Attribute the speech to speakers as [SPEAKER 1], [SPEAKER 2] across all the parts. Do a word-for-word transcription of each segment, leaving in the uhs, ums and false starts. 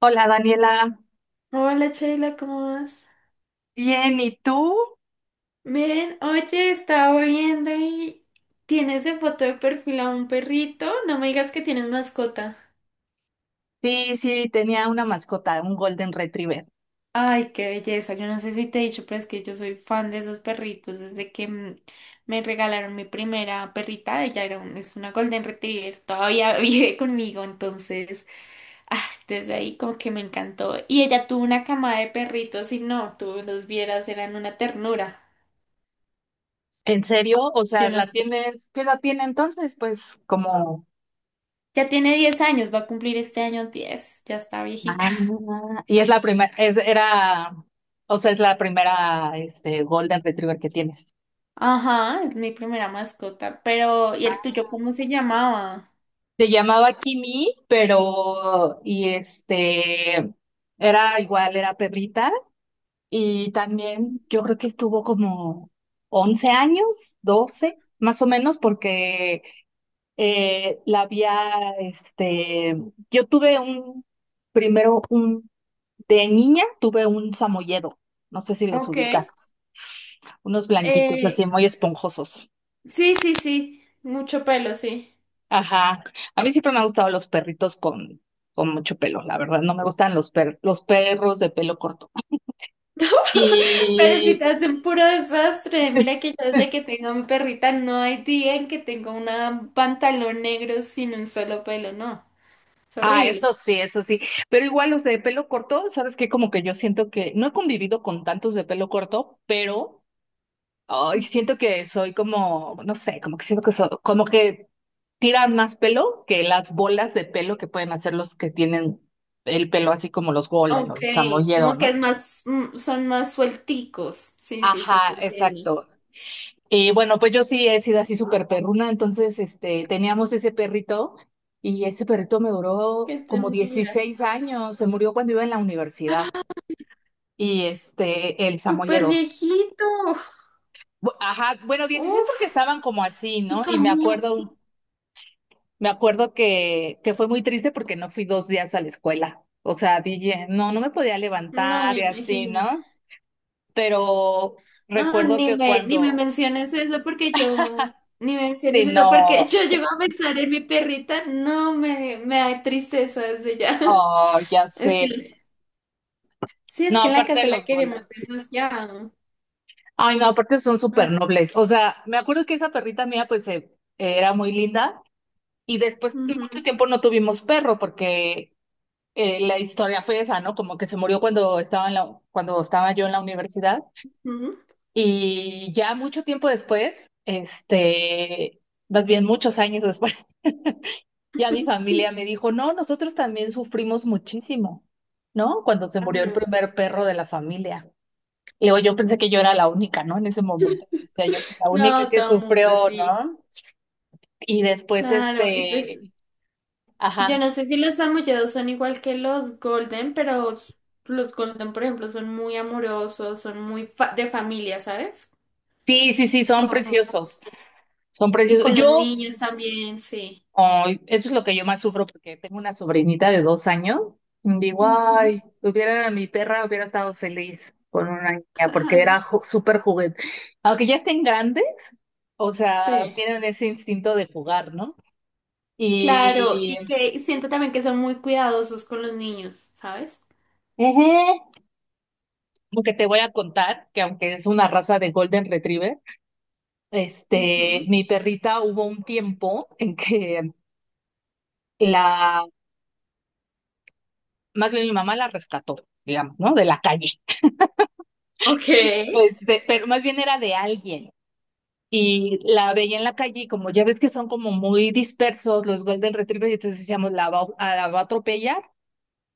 [SPEAKER 1] Hola, Daniela.
[SPEAKER 2] Hola Sheila, ¿cómo vas?
[SPEAKER 1] Bien, ¿y tú?
[SPEAKER 2] Miren, oye, estaba viendo y tienes en foto de perfil a un perrito. No me digas que tienes mascota.
[SPEAKER 1] Sí, sí, tenía una mascota, un Golden Retriever.
[SPEAKER 2] Ay, qué belleza. Yo no sé si te he dicho, pero es que yo soy fan de esos perritos. Desde que mm, me regalaron mi primera perrita, ella era un- es una Golden Retriever, todavía vive conmigo, entonces, ah, desde ahí como que me encantó. Y ella tuvo una camada de perritos y no, tú los vieras, eran una ternura.
[SPEAKER 1] ¿En serio? O
[SPEAKER 2] Yo
[SPEAKER 1] sea,
[SPEAKER 2] no
[SPEAKER 1] ¿la
[SPEAKER 2] sé.
[SPEAKER 1] tienes? ¿Qué edad tiene entonces? Pues como.
[SPEAKER 2] Ya tiene diez años, va a cumplir este año diez. Ya está viejita.
[SPEAKER 1] Ah, y es la primera, es, era, o sea, es la primera, este, Golden Retriever que tienes.
[SPEAKER 2] Ajá, es mi primera mascota, pero ¿y el tuyo cómo se llamaba?
[SPEAKER 1] Se llamaba Kimi, pero, y este, era igual, era perrita, y también yo creo que estuvo como once años, doce más o menos, porque, eh, la había, este, yo tuve un, primero un, de niña tuve un samoyedo, no sé si los
[SPEAKER 2] Ok.
[SPEAKER 1] ubicas, unos blanquitos así
[SPEAKER 2] Eh,
[SPEAKER 1] muy esponjosos.
[SPEAKER 2] sí, sí, sí, mucho pelo, sí.
[SPEAKER 1] Ajá, a mí siempre me han gustado los perritos con, con mucho pelo, la verdad, no me gustan los, per- los perros de pelo corto.
[SPEAKER 2] Pero si
[SPEAKER 1] Y...
[SPEAKER 2] te hacen puro desastre, mira que yo desde que tengo a mi perrita no hay día en que tenga un pantalón negro sin un solo pelo, no, es
[SPEAKER 1] Ah,
[SPEAKER 2] horrible.
[SPEAKER 1] eso sí, eso sí. Pero igual los de pelo corto, ¿sabes qué? Como que yo siento que no he convivido con tantos de pelo corto, pero ay, siento que soy como, no sé, como que siento que soy, como que tiran más pelo que las bolas de pelo que pueden hacer los que tienen el pelo así como los Golden o
[SPEAKER 2] Ok,
[SPEAKER 1] los Samoyedo,
[SPEAKER 2] como que
[SPEAKER 1] ¿no?
[SPEAKER 2] es más, mm, son más suelticos. Sí, sí, sí, te
[SPEAKER 1] Ajá,
[SPEAKER 2] entiendo.
[SPEAKER 1] exacto. Y bueno, pues yo sí he sido así súper perruna, entonces este, teníamos ese perrito y ese perrito me duró
[SPEAKER 2] Qué
[SPEAKER 1] como
[SPEAKER 2] ternura.
[SPEAKER 1] dieciséis años, se murió cuando iba en la universidad y este, el
[SPEAKER 2] Súper
[SPEAKER 1] Samoyedo.
[SPEAKER 2] viejito.
[SPEAKER 1] Bu- Ajá, bueno, dieciséis porque estaban
[SPEAKER 2] Uf.
[SPEAKER 1] como así,
[SPEAKER 2] ¿Y
[SPEAKER 1] ¿no? Y me
[SPEAKER 2] cómo?
[SPEAKER 1] acuerdo. Me acuerdo que, que fue muy triste porque no fui dos días a la escuela. O sea, dije, no, no me podía
[SPEAKER 2] No
[SPEAKER 1] levantar
[SPEAKER 2] me
[SPEAKER 1] y así,
[SPEAKER 2] imagino.
[SPEAKER 1] ¿no? Pero
[SPEAKER 2] No,
[SPEAKER 1] recuerdo
[SPEAKER 2] ni
[SPEAKER 1] que
[SPEAKER 2] me, ni me
[SPEAKER 1] cuando,
[SPEAKER 2] menciones eso porque yo, ni me
[SPEAKER 1] sí,
[SPEAKER 2] menciones eso porque
[SPEAKER 1] no,
[SPEAKER 2] yo llego a pensar en mi perrita. No, me, me da tristeza desde ya.
[SPEAKER 1] oh, ya
[SPEAKER 2] Es
[SPEAKER 1] sé.
[SPEAKER 2] que, sí,
[SPEAKER 1] No,
[SPEAKER 2] es que en la
[SPEAKER 1] aparte de
[SPEAKER 2] casa la
[SPEAKER 1] los
[SPEAKER 2] queremos
[SPEAKER 1] Golden.
[SPEAKER 2] demasiado.
[SPEAKER 1] Ay, no, aparte son súper
[SPEAKER 2] Ay,
[SPEAKER 1] nobles. O sea, me acuerdo que esa perrita mía, pues, eh, era muy linda. Y después, de mucho
[SPEAKER 2] ujú,
[SPEAKER 1] tiempo no tuvimos perro porque eh, la historia fue esa, ¿no? Como que se murió cuando estaba en la, cuando estaba yo en la universidad.
[SPEAKER 2] ujú,
[SPEAKER 1] Y ya mucho tiempo después, este, más bien muchos años después, ya mi familia me dijo, no, nosotros también sufrimos muchísimo, ¿no? Cuando se murió el
[SPEAKER 2] claro.
[SPEAKER 1] primer perro de la familia. Y luego yo pensé que yo era la única, ¿no? En ese momento, o sea, yo fui la única
[SPEAKER 2] No,
[SPEAKER 1] que
[SPEAKER 2] todo el mundo,
[SPEAKER 1] sufrió,
[SPEAKER 2] sí.
[SPEAKER 1] ¿no? Y después,
[SPEAKER 2] Claro. Y pues,
[SPEAKER 1] este,
[SPEAKER 2] yo
[SPEAKER 1] ajá,
[SPEAKER 2] no sé si los samoyedos son igual que los golden, pero s- los golden, por ejemplo, son muy amorosos, son muy fa- de familia, ¿sabes?
[SPEAKER 1] sí, sí, sí, son
[SPEAKER 2] Como-
[SPEAKER 1] preciosos, son
[SPEAKER 2] y
[SPEAKER 1] preciosos.
[SPEAKER 2] con los
[SPEAKER 1] Yo
[SPEAKER 2] niños también, sí.
[SPEAKER 1] ay, eso es lo que yo más sufro porque tengo una sobrinita de dos años. Digo,
[SPEAKER 2] Ujú.
[SPEAKER 1] ay, hubiera mi perra hubiera estado feliz con una niña porque era
[SPEAKER 2] Claro.
[SPEAKER 1] ju- súper juguete. Aunque ya estén grandes, o sea,
[SPEAKER 2] Sí,
[SPEAKER 1] tienen ese instinto de jugar, ¿no?
[SPEAKER 2] claro, y
[SPEAKER 1] Y
[SPEAKER 2] que siento también que son muy cuidadosos con los niños, ¿sabes?
[SPEAKER 1] ujú, aunque te voy a contar que aunque es una raza de Golden Retriever, este,
[SPEAKER 2] Ujú.
[SPEAKER 1] mi perrita hubo un tiempo en que la, más bien mi mamá la rescató, digamos, ¿no? De la calle.
[SPEAKER 2] Ok.
[SPEAKER 1] Este, pero más bien era de alguien. Y la veía en la calle y como ya ves que son como muy dispersos los Golden Retriever, y entonces decíamos, la va, a- la va a atropellar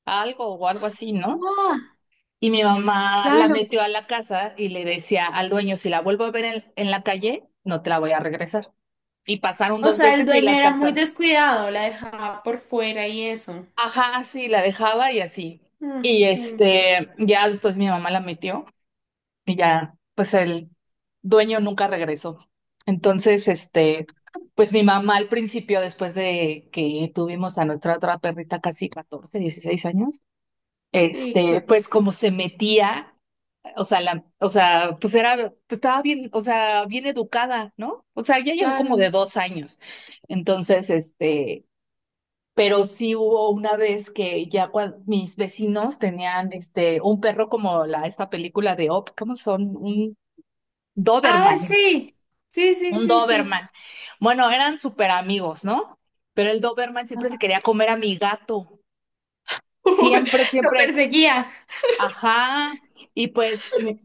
[SPEAKER 1] algo o algo así, ¿no?
[SPEAKER 2] Ah,
[SPEAKER 1] Y mi mamá la
[SPEAKER 2] claro.
[SPEAKER 1] metió a la casa y le decía al dueño, si la vuelvo a ver en, en la calle, no te la voy a regresar. Y pasaron
[SPEAKER 2] O
[SPEAKER 1] dos
[SPEAKER 2] sea, el
[SPEAKER 1] veces y
[SPEAKER 2] dueño
[SPEAKER 1] la
[SPEAKER 2] era muy
[SPEAKER 1] tercera.
[SPEAKER 2] descuidado, la dejaba por fuera y eso.
[SPEAKER 1] Ajá, sí, la dejaba y así.
[SPEAKER 2] Mm,
[SPEAKER 1] Y
[SPEAKER 2] mm,
[SPEAKER 1] este, ya después mi mamá la metió y ya, pues él dueño nunca regresó. Entonces, este, pues mi mamá al principio, después de que tuvimos a nuestra otra perrita casi catorce, dieciséis años,
[SPEAKER 2] Sí,
[SPEAKER 1] este,
[SPEAKER 2] cla-
[SPEAKER 1] pues como se metía, o sea, la, o sea, pues era, pues estaba bien, o sea, bien educada, ¿no? O sea, ya llegó como de
[SPEAKER 2] claro.
[SPEAKER 1] dos años. Entonces, este, pero sí hubo una vez que ya cuando mis vecinos tenían este, un perro como la, esta película de Op, ¿cómo son? Un
[SPEAKER 2] Ay,
[SPEAKER 1] Doberman.
[SPEAKER 2] sí. Sí, sí,
[SPEAKER 1] Un
[SPEAKER 2] sí, sí.
[SPEAKER 1] Doberman. Bueno, eran súper amigos, ¿no? Pero el Doberman siempre se
[SPEAKER 2] Ajá.
[SPEAKER 1] quería comer a mi gato. Siempre,
[SPEAKER 2] Lo
[SPEAKER 1] siempre.
[SPEAKER 2] perseguía.
[SPEAKER 1] Ajá. Y pues, mi-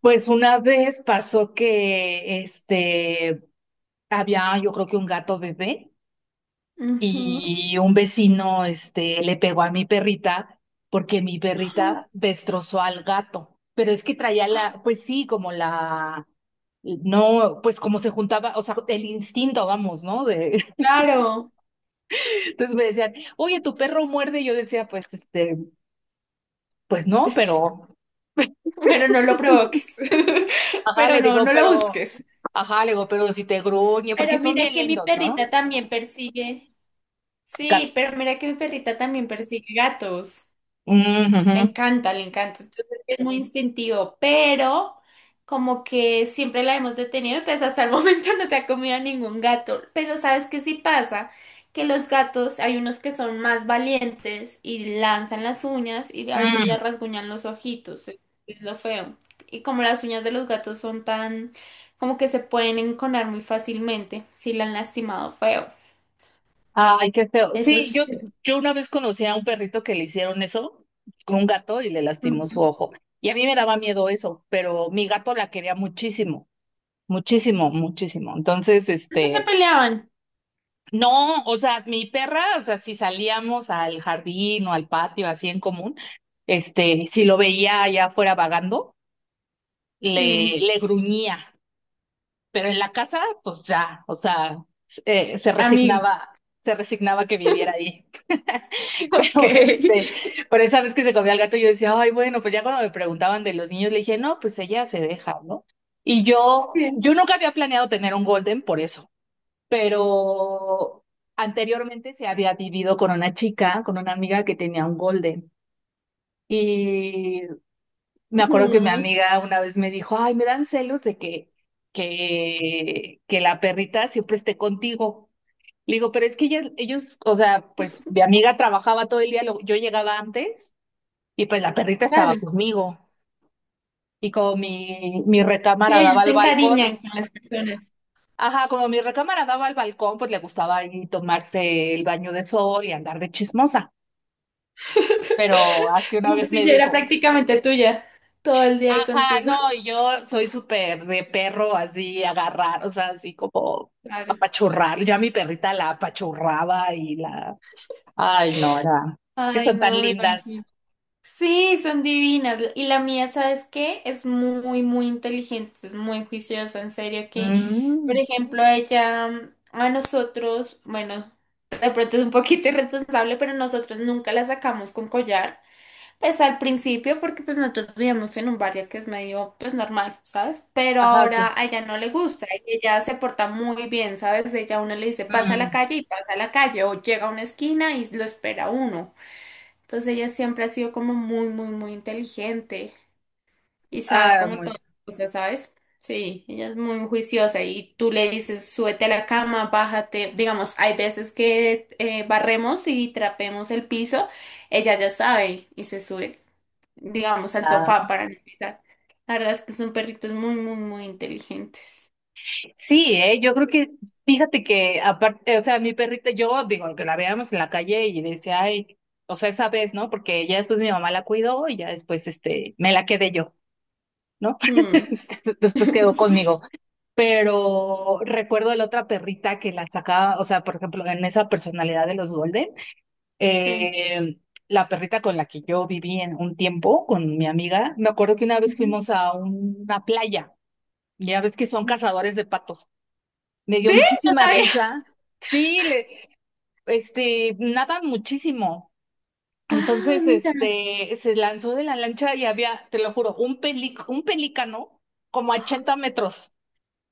[SPEAKER 1] pues una vez pasó que este había, yo creo que un gato bebé
[SPEAKER 2] Ujú.
[SPEAKER 1] y un vecino este le pegó a mi perrita porque mi
[SPEAKER 2] Ah,
[SPEAKER 1] perrita destrozó al gato. Pero es que traía la, pues sí, como la no, pues como se juntaba, o sea, el instinto, vamos, ¿no? De.
[SPEAKER 2] claro.
[SPEAKER 1] Entonces me decían, oye, tu perro muerde. Y yo decía, pues, este, pues no,
[SPEAKER 2] Pues,
[SPEAKER 1] pero,
[SPEAKER 2] pero no lo provoques.
[SPEAKER 1] ajá,
[SPEAKER 2] Pero
[SPEAKER 1] le
[SPEAKER 2] no,
[SPEAKER 1] digo,
[SPEAKER 2] no lo
[SPEAKER 1] pero,
[SPEAKER 2] busques.
[SPEAKER 1] ajá, le digo, pero si te gruñe, porque
[SPEAKER 2] Pero
[SPEAKER 1] son
[SPEAKER 2] mira
[SPEAKER 1] bien
[SPEAKER 2] que mi
[SPEAKER 1] lindos, ¿no?
[SPEAKER 2] perrita también persigue.
[SPEAKER 1] Cat-
[SPEAKER 2] Sí, pero mira que mi perrita también persigue gatos.
[SPEAKER 1] Mm,
[SPEAKER 2] Le
[SPEAKER 1] ujú.
[SPEAKER 2] encanta, le encanta. Entonces es muy instintivo, pero como que siempre la hemos detenido y pues hasta el momento no se ha comido a ningún gato. Pero ¿sabes qué sí pasa? Que los gatos, hay unos que son más valientes y lanzan las uñas y a veces le
[SPEAKER 1] Mm.
[SPEAKER 2] rasguñan los ojitos. Es es lo feo. Y como las uñas de los gatos son tan, como que se pueden enconar muy fácilmente si la han lastimado feo.
[SPEAKER 1] Ay, qué feo.
[SPEAKER 2] Eso
[SPEAKER 1] Sí,
[SPEAKER 2] es...
[SPEAKER 1] yo, yo una vez conocí a un perrito que le hicieron eso con un gato y le lastimó su
[SPEAKER 2] Ujú.
[SPEAKER 1] ojo. Y a mí me daba miedo eso, pero mi gato la quería muchísimo, muchísimo, muchísimo. Entonces,
[SPEAKER 2] No se
[SPEAKER 1] este,
[SPEAKER 2] peleaban.
[SPEAKER 1] no, o sea, mi perra, o sea, si salíamos al jardín o al patio así en común, este, si lo veía allá afuera vagando, le,
[SPEAKER 2] Sí.
[SPEAKER 1] le gruñía, pero en la casa, pues ya, o sea, eh, se
[SPEAKER 2] Amigo.
[SPEAKER 1] resignaba, se resignaba que viviera ahí.
[SPEAKER 2] Ok.
[SPEAKER 1] Pero este, por esa vez que se comió al gato, yo decía, ay, bueno, pues ya cuando me preguntaban de los niños, le dije, no, pues ella se deja, ¿no? Y yo,
[SPEAKER 2] Sí,
[SPEAKER 1] yo nunca había planeado tener un golden por eso pero anteriormente se había vivido con una chica, con una amiga que tenía un golden. Y me acuerdo que mi
[SPEAKER 2] mm,
[SPEAKER 1] amiga una vez me dijo, ay, me dan celos de que, que, que la perrita siempre esté contigo. Le digo, pero es que ella- ellos, o sea, pues mi amiga trabajaba todo el día, lo- yo llegaba antes y pues la perrita estaba
[SPEAKER 2] claro.
[SPEAKER 1] conmigo. Y como mi, mi recámara
[SPEAKER 2] Sí,
[SPEAKER 1] daba
[SPEAKER 2] se
[SPEAKER 1] al balcón,
[SPEAKER 2] encariñan con las personas.
[SPEAKER 1] ajá, como mi recámara daba al balcón, pues le gustaba ahí tomarse el baño de sol y andar de chismosa. Pero así una
[SPEAKER 2] Mejor
[SPEAKER 1] vez me
[SPEAKER 2] dicho, era
[SPEAKER 1] dijo,
[SPEAKER 2] prácticamente tuya todo el día ahí
[SPEAKER 1] ajá,
[SPEAKER 2] contigo.
[SPEAKER 1] no, y yo soy súper de perro, así agarrar, o sea, así como
[SPEAKER 2] Claro.
[SPEAKER 1] apachurrar. Yo a mi perrita la apachurraba y la, ay, no, era, que
[SPEAKER 2] Ay,
[SPEAKER 1] son tan
[SPEAKER 2] no me
[SPEAKER 1] lindas.
[SPEAKER 2] imagino. Sí, son divinas. Y la mía, ¿sabes qué? Es muy, muy inteligente, es muy juiciosa, en serio, que, por
[SPEAKER 1] Mm,
[SPEAKER 2] ejemplo, ella mm, a nosotros, bueno, de pronto es un poquito irresponsable, pero nosotros nunca la sacamos con collar. Pues al principio, porque pues nosotros vivíamos en un barrio que es medio pues normal, ¿sabes? Pero
[SPEAKER 1] ajá, sí.
[SPEAKER 2] ahora a ella no le gusta y ella se porta muy bien, ¿sabes? Ella a uno le dice pasa a la
[SPEAKER 1] Mm,
[SPEAKER 2] calle y pasa a la calle o llega a una esquina y lo espera a uno. Entonces ella siempre ha sido como muy, muy, muy inteligente y sabe
[SPEAKER 1] ah,
[SPEAKER 2] como
[SPEAKER 1] muy.
[SPEAKER 2] todas las cosas, ¿sabes? Sí, ella es muy juiciosa y tú le dices súbete a la cama, bájate. Digamos, hay veces que eh, barremos y trapemos el piso, ella ya sabe y se sube digamos, al
[SPEAKER 1] Ah.
[SPEAKER 2] sofá para no pisar. La verdad es que son perritos muy, muy, muy inteligentes.
[SPEAKER 1] Sí, eh, yo creo que, fíjate que aparte, o sea, mi perrita, yo digo que la veíamos en la calle y decía, ay, o sea, esa vez, ¿no? Porque ya después mi mamá la cuidó y ya después, este, me la quedé yo, ¿no?
[SPEAKER 2] Mm.
[SPEAKER 1] Después quedó conmigo. Pero recuerdo la otra perrita que la sacaba, o sea, por ejemplo, en esa personalidad de los Golden,
[SPEAKER 2] Sí.
[SPEAKER 1] eh, la perrita con la que yo viví en un tiempo, con mi amiga, me acuerdo que una vez
[SPEAKER 2] Ujú.
[SPEAKER 1] fuimos a una playa, ya ves que son cazadores de patos. Me dio
[SPEAKER 2] Sí, no
[SPEAKER 1] muchísima
[SPEAKER 2] sabía.
[SPEAKER 1] risa. Sí, le, este, nadan muchísimo.
[SPEAKER 2] Ah,
[SPEAKER 1] Entonces,
[SPEAKER 2] mira.
[SPEAKER 1] este, se lanzó de la lancha y había, te lo juro, un peli- un pelícano como a ochenta metros.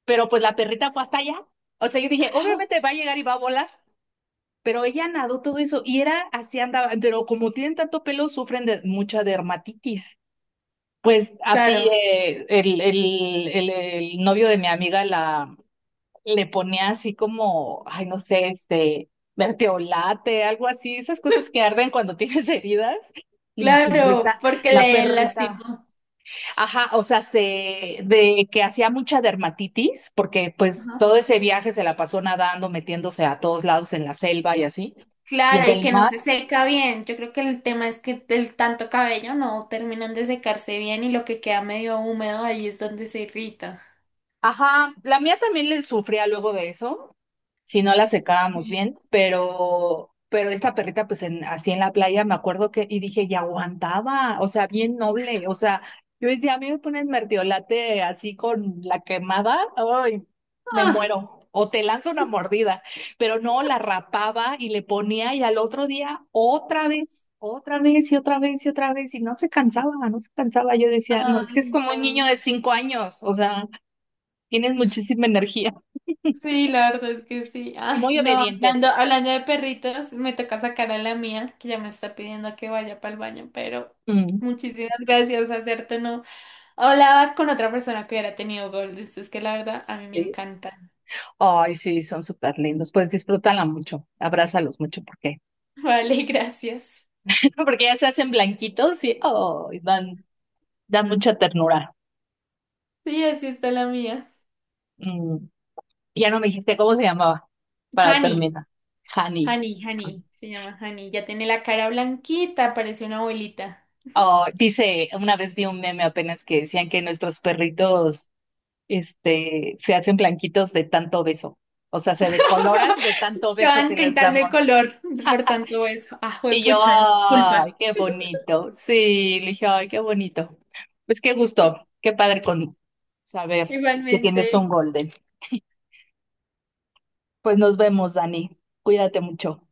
[SPEAKER 1] Pero pues la perrita fue hasta allá. O sea, yo dije, obviamente va a llegar y va a volar. Pero ella nadó todo eso y era así andaba. Pero como tienen tanto pelo, sufren de mucha dermatitis. Pues así
[SPEAKER 2] Claro,
[SPEAKER 1] eh, el, el, el, el novio de mi amiga la le ponía así como, ay, no sé, este, verteolate, algo así, esas cosas que arden cuando tienes heridas. Y la
[SPEAKER 2] claro,
[SPEAKER 1] perrita,
[SPEAKER 2] porque
[SPEAKER 1] la
[SPEAKER 2] le
[SPEAKER 1] perrita,
[SPEAKER 2] lastimó.
[SPEAKER 1] ajá, o sea, se, de que hacía mucha dermatitis, porque pues
[SPEAKER 2] Ajá.
[SPEAKER 1] todo ese viaje se la pasó nadando, metiéndose a todos lados en la selva y así, y
[SPEAKER 2] Claro,
[SPEAKER 1] en
[SPEAKER 2] y
[SPEAKER 1] el
[SPEAKER 2] que no
[SPEAKER 1] mar.
[SPEAKER 2] se seca bien. Yo creo que el tema es que el tanto cabello no terminan de secarse bien y lo que queda medio húmedo ahí es donde se irrita.
[SPEAKER 1] Ajá, la mía también le sufría luego de eso, si no la secábamos
[SPEAKER 2] Sí.
[SPEAKER 1] bien, pero, pero esta perrita, pues en, así en la playa, me acuerdo que, y dije, y aguantaba, o sea, bien noble, o sea, yo decía, a mí me ponen mertiolate así con la quemada, ay, me
[SPEAKER 2] Ah,
[SPEAKER 1] muero. O te lanzo una mordida, pero no, la rapaba y le ponía y al otro día otra vez, otra vez y otra vez y otra vez y no se cansaba, no se cansaba. Yo decía, no, es que es
[SPEAKER 2] ay,
[SPEAKER 1] como un niño
[SPEAKER 2] no.
[SPEAKER 1] de cinco años, o sea, tienes muchísima energía
[SPEAKER 2] Sí, la verdad es que sí.
[SPEAKER 1] y
[SPEAKER 2] Ay,
[SPEAKER 1] muy
[SPEAKER 2] no, hablando,
[SPEAKER 1] obedientes.
[SPEAKER 2] hablando de perritos, me toca sacar a la mía, que ya me está pidiendo que vaya para el baño, pero
[SPEAKER 1] Mm.
[SPEAKER 2] muchísimas gracias, acerto, no. Hablaba con otra persona que hubiera tenido Gold, esto es que la verdad a mí me
[SPEAKER 1] Sí.
[SPEAKER 2] encanta.
[SPEAKER 1] Ay, sí, son súper lindos. Pues disfrútala mucho, abrázalos mucho porque,
[SPEAKER 2] Vale, gracias.
[SPEAKER 1] porque ya se hacen blanquitos y ay, dan, dan mucha ternura.
[SPEAKER 2] Sí, así está la mía.
[SPEAKER 1] Mm, Ya no me dijiste cómo se llamaba para
[SPEAKER 2] Hani,
[SPEAKER 1] terminar. Honey.
[SPEAKER 2] Hani, Hani, se llama Hani. Ya tiene la cara blanquita, parece una abuelita.
[SPEAKER 1] Oh, dice, una vez vi un meme apenas que decían que nuestros perritos, este, se hacen blanquitos de tanto beso. O sea, se decoloran de tanto
[SPEAKER 2] Se
[SPEAKER 1] beso
[SPEAKER 2] van
[SPEAKER 1] que les
[SPEAKER 2] pintando el
[SPEAKER 1] damos.
[SPEAKER 2] color por tanto eso. Ah,
[SPEAKER 1] Y yo,
[SPEAKER 2] pucha, disculpa.
[SPEAKER 1] ay, qué bonito. Sí, le dije, ay, qué bonito. Pues qué gusto, qué padre con saber que
[SPEAKER 2] Igualmente.
[SPEAKER 1] tienes un golden. Pues nos vemos, Dani. Cuídate mucho.